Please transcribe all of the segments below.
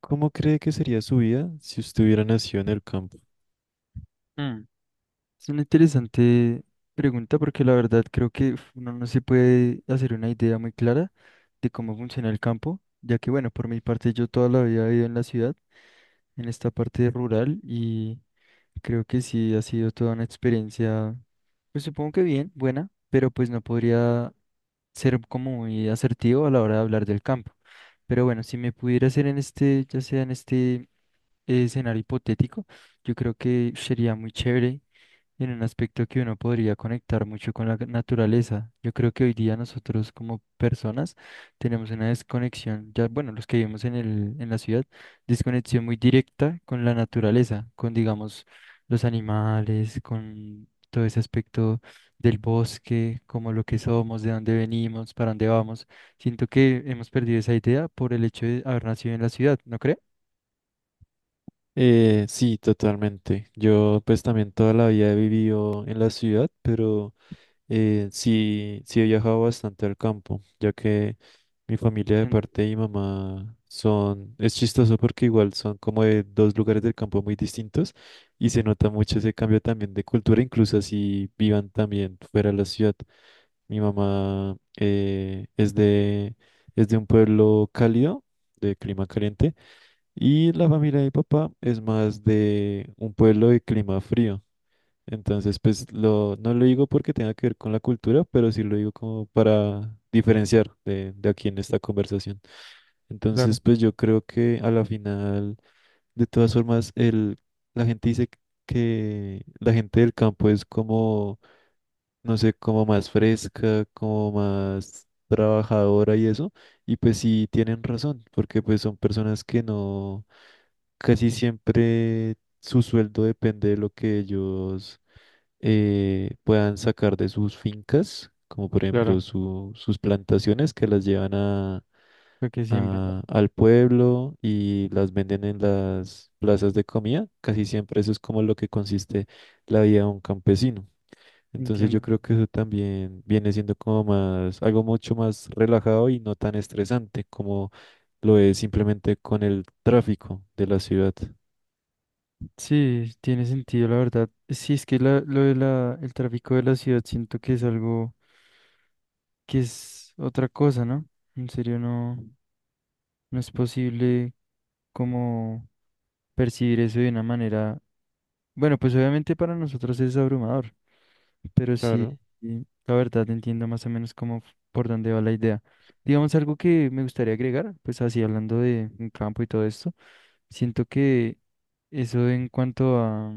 ¿Cómo cree que sería su vida si usted hubiera nacido en el campo? Mm, Es una interesante pregunta porque la verdad creo que uf, uno no se puede hacer una idea muy clara de cómo funciona el campo, ya que bueno, por mi parte yo toda la vida he vivido en la ciudad, en esta parte rural y creo que sí ha sido toda una experiencia. Pues supongo que bien, buena, pero pues no podría ser como muy asertivo a la hora de hablar del campo. Pero bueno, si me pudiera hacer en este, ya sea en este escenario hipotético, yo creo que sería muy chévere en un aspecto que uno podría conectar mucho con la naturaleza. Yo creo que hoy día nosotros como personas tenemos una desconexión, ya bueno, los que vivimos en la ciudad, desconexión muy directa con la naturaleza, con digamos los animales, con todo ese aspecto del bosque, como lo que somos, de dónde venimos, para dónde vamos. Siento que hemos perdido esa idea por el hecho de haber nacido en la ciudad, ¿no cree? Sí, totalmente. Yo pues también toda la vida he vivido en la ciudad, pero sí he viajado bastante al campo, ya que mi familia de Entiendo. parte de mi mamá son, es chistoso porque igual son como de dos lugares del campo muy distintos y se nota mucho ese cambio también de cultura, incluso así vivan también fuera de la ciudad. Mi mamá es de un pueblo cálido, de clima caliente, y la familia de mi papá es más de un pueblo de clima frío. Entonces, no lo digo porque tenga que ver con la cultura, pero sí lo digo como para diferenciar de aquí en esta conversación. Entonces, Claro, pues yo creo que a la final, de todas formas, la gente dice que la gente del campo es como no sé, como más fresca, como más trabajadora y eso. Y pues sí tienen razón, porque pues son personas que no, casi siempre su sueldo depende de lo que ellos puedan sacar de sus fincas, como por ejemplo claro, sus plantaciones que las llevan a, lo que siembran. Al pueblo y las venden en las plazas de comida. Casi siempre eso es como lo que consiste la vida de un campesino. Entonces yo Entiendo. creo que eso también viene siendo como más, algo mucho más relajado y no tan estresante como lo es simplemente con el tráfico de la ciudad. Sí, tiene sentido, la verdad. Sí, es que lo de la, el tráfico de la ciudad siento que es algo que es otra cosa, ¿no? En serio, no, no es posible como percibir eso de una manera. Bueno, pues obviamente para nosotros es abrumador. Pero sí, Claro. y la verdad entiendo más o menos cómo, por dónde va la idea. Digamos algo que me gustaría agregar, pues así hablando de un campo y todo esto, siento que eso en cuanto a,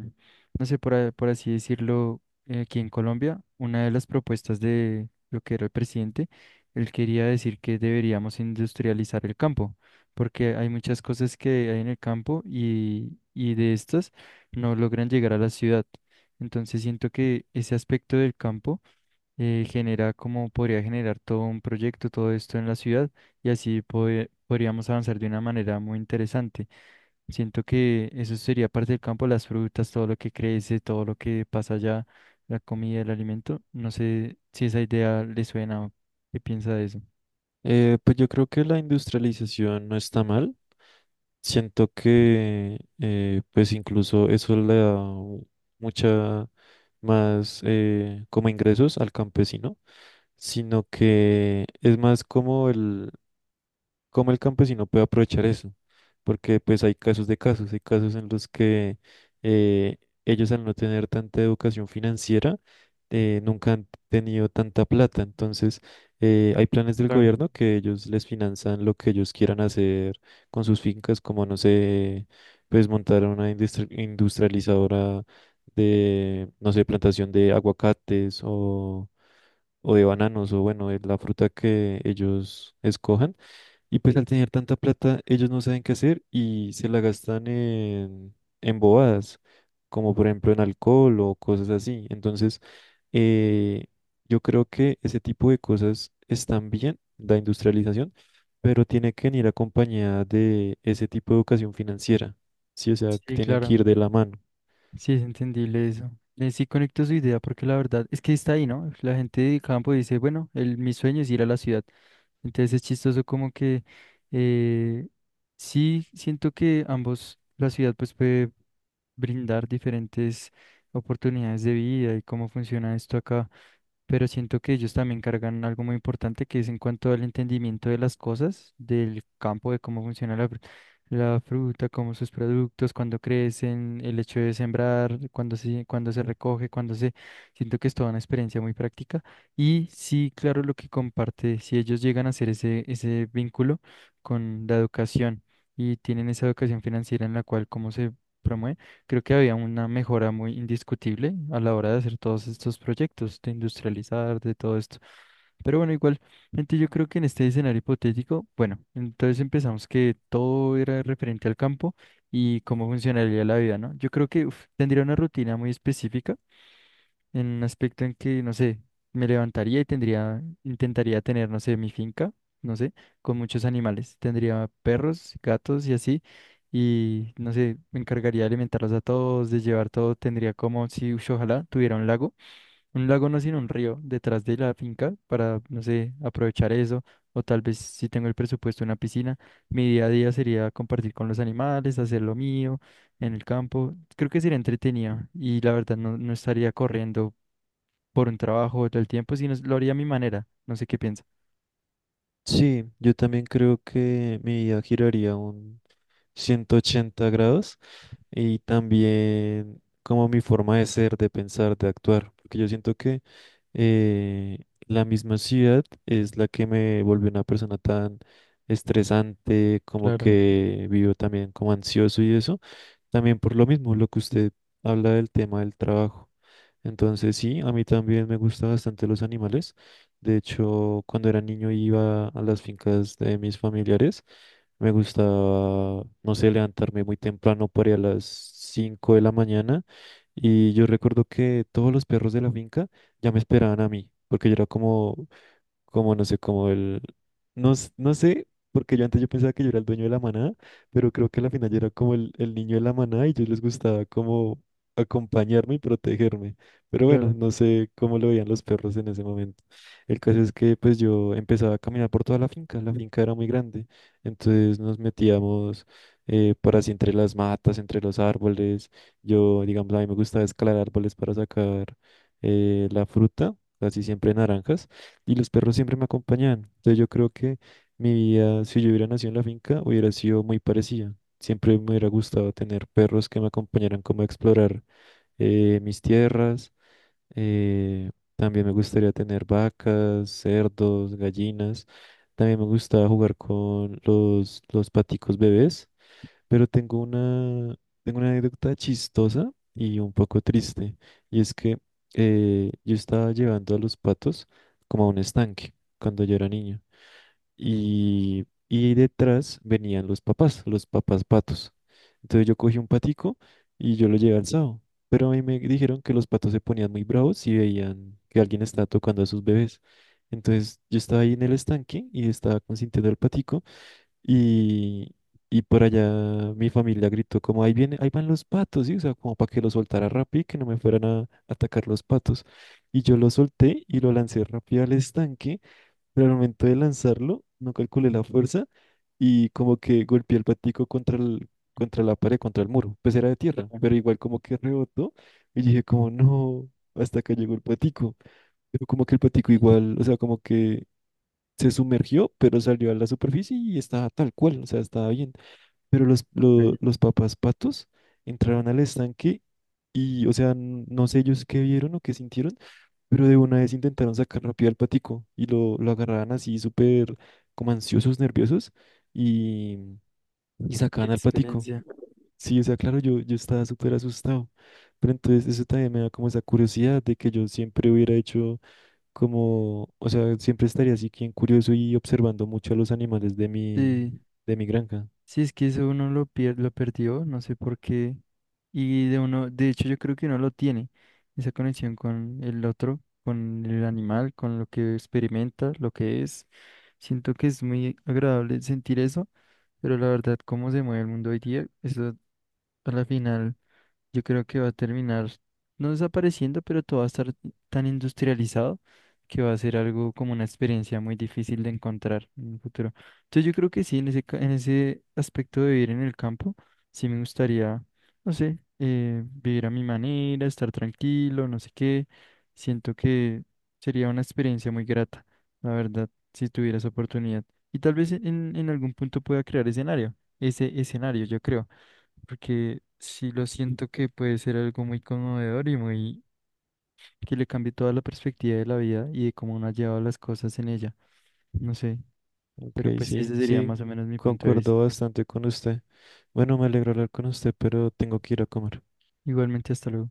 no sé, por, por así decirlo, aquí en Colombia, una de las propuestas de lo que era el presidente, él quería decir que deberíamos industrializar el campo, porque hay muchas cosas que hay en el campo y de estas no logran llegar a la ciudad. Entonces siento que ese aspecto del campo genera, como podría generar todo un proyecto, todo esto en la ciudad y así podríamos avanzar de una manera muy interesante. Siento que eso sería parte del campo, las frutas, todo lo que crece, todo lo que pasa allá, la comida, el alimento. No sé si esa idea le suena o qué piensa de eso. Pues yo creo que la industrialización no está mal. Siento que pues incluso eso le da mucha más como ingresos al campesino, sino que es más como el cómo el campesino puede aprovechar eso, porque pues hay casos de casos, hay casos en los que eh, ellos al no tener tanta educación financiera, nunca han tenido tanta plata, entonces hay planes del Claro, gobierno que ellos les finanzan lo que ellos quieran hacer con sus fincas, como no sé, pues montar una industrializadora de, no sé, plantación de aguacates o de bananos, o bueno, de la fruta que ellos escojan y pues al tener tanta plata, ellos no saben qué hacer y se la gastan en bobadas, como por ejemplo en alcohol o cosas así. Entonces, eh, yo creo que ese tipo de cosas están bien, la industrialización, pero tiene que venir acompañada de ese tipo de educación financiera. Sí, o sea, que sí, tienen que claro. ir de la mano. Sí, es entendible eso. Sí conecto su idea porque la verdad es que está ahí, ¿no? La gente de campo dice, bueno, el, mi sueño es ir a la ciudad. Entonces es chistoso como que eh, sí siento que ambos, la ciudad pues puede brindar diferentes oportunidades de vida y cómo funciona esto acá, pero siento que ellos también cargan algo muy importante que es en cuanto al entendimiento de las cosas, del campo, de cómo funciona la, la fruta, cómo sus productos, cuando crecen, el hecho de sembrar, cuando se, recoge, cuando se... Siento que es toda una experiencia muy práctica. Y sí, claro, lo que comparte, si ellos llegan a hacer ese vínculo con la educación y tienen esa educación financiera en la cual cómo se... promueve. Creo que había una mejora muy indiscutible a la hora de hacer todos estos proyectos, de industrializar, de todo esto. Pero bueno, igual, gente, yo creo que en este escenario hipotético, bueno, entonces empezamos que todo era referente al campo y cómo funcionaría la vida, ¿no? Yo creo que uf, tendría una rutina muy específica en un aspecto en que, no sé, me levantaría y tendría, intentaría tener, no sé, mi finca, no sé, con muchos animales. Tendría perros, gatos y así. Y, no sé, me encargaría de alimentarlos a todos, de llevar todo. Tendría como si, ush, ojalá, tuviera un lago. Un lago no, sino un río detrás de la finca para, no sé, aprovechar eso. O tal vez si tengo el presupuesto, una piscina. Mi día a día sería compartir con los animales, hacer lo mío en el campo. Creo que sería entretenido y la verdad no, no estaría corriendo por un trabajo todo el tiempo, sino lo haría a mi manera. No sé qué piensa. Sí, yo también creo que mi vida giraría un 180 grados y también como mi forma de ser, de pensar, de actuar, porque yo siento que eh, la misma ciudad es la que me volvió una persona tan estresante, como Claro, que vivo también como ansioso y eso, también por lo mismo, lo que usted habla del tema del trabajo. Entonces sí, a mí también me gustan bastante los animales. De hecho, cuando era niño iba a las fincas de mis familiares. Me gustaba, no sé, levantarme muy temprano, por ahí a las 5 de la mañana. Y yo recuerdo que todos los perros de la finca ya me esperaban a mí, porque yo era como, como no sé, no, no sé, porque yo antes yo pensaba que yo era el dueño de la manada, pero creo que a la final yo era como el niño de la manada y yo les gustaba como acompañarme y protegerme. Pero bueno, claro. no sé cómo lo veían los perros en ese momento. El caso es que pues yo empezaba a caminar por toda la finca era muy grande, entonces nos metíamos por así entre las matas, entre los árboles. Yo, digamos, a mí me gustaba escalar árboles para sacar la fruta, casi siempre naranjas. Y los perros siempre me acompañaban. Entonces yo creo que mi vida, si yo hubiera nacido en la finca, hubiera sido muy parecida. Siempre me hubiera gustado tener perros que me acompañaran como a explorar mis tierras. eh, También me gustaría tener vacas, cerdos, gallinas. También me gustaba jugar con los paticos bebés. Pero tengo una anécdota chistosa y un poco triste. Y es que yo estaba llevando a los patos como a un estanque cuando yo era niño. Y detrás venían los papás patos. Entonces yo cogí un patico y yo lo llevé alzado. Pero a mí me dijeron que los patos se ponían muy bravos si veían que alguien estaba tocando a sus bebés. Entonces yo estaba ahí en el estanque y estaba consintiendo al patico. Y, y por allá mi familia gritó como, ahí viene, ahí van los patos, ¿sí? O sea, como para que lo soltara rápido y que no me fueran a atacar los patos. Y yo lo solté y lo lancé rápido al estanque, pero al momento de lanzarlo no calculé la fuerza y como que golpeé el patico contra el, contra la pared, contra el muro. Pues era de tierra, Claro. pero igual como que rebotó y dije como, no, hasta que llegó el patico. Pero como que el patico igual, o sea, como que se sumergió, pero salió a la superficie y estaba tal cual, o sea, estaba bien. Pero Qué los papás patos entraron al estanque o sea, no sé ellos qué vieron o qué sintieron, pero de una vez intentaron sacar rápido al patico y lo agarraban así súper como ansiosos, nerviosos y, y qué sacaban al patico. experiencia. Sí, o sea, claro, yo estaba súper asustado, pero entonces eso también me da como esa curiosidad de que yo siempre hubiera hecho como, o sea, siempre estaría así bien curioso y observando mucho a los animales de Sí, de mi granja. sí, es que eso uno lo perdió, no sé por qué. Y de uno, de hecho, yo creo que uno lo tiene, esa conexión con el otro, con el animal, con lo que experimenta, lo que es. Siento que es muy agradable sentir eso, pero la verdad, cómo se mueve el mundo hoy día, eso a la final. Yo creo que va a terminar no desapareciendo, pero todo va a estar tan industrializado que va a ser algo como una experiencia muy difícil de encontrar en el futuro. Entonces yo creo que sí, en ese aspecto de vivir en el campo, sí me gustaría, no sé, vivir a mi manera, estar tranquilo, no sé qué. Siento que sería una experiencia muy grata, la verdad, si tuviera esa oportunidad. Y tal vez en algún punto pueda crear escenario, ese escenario, yo creo porque sí lo siento que puede ser algo muy conmovedor y muy que le cambie toda la perspectiva de la vida y de cómo uno ha llevado las cosas en ella. No sé, Ok, pero pues sí, sí, ese sería sí, más o menos mi punto de vista. concuerdo bastante con usted. Bueno, me alegro hablar con usted, pero tengo que ir a comer. Igualmente, hasta luego.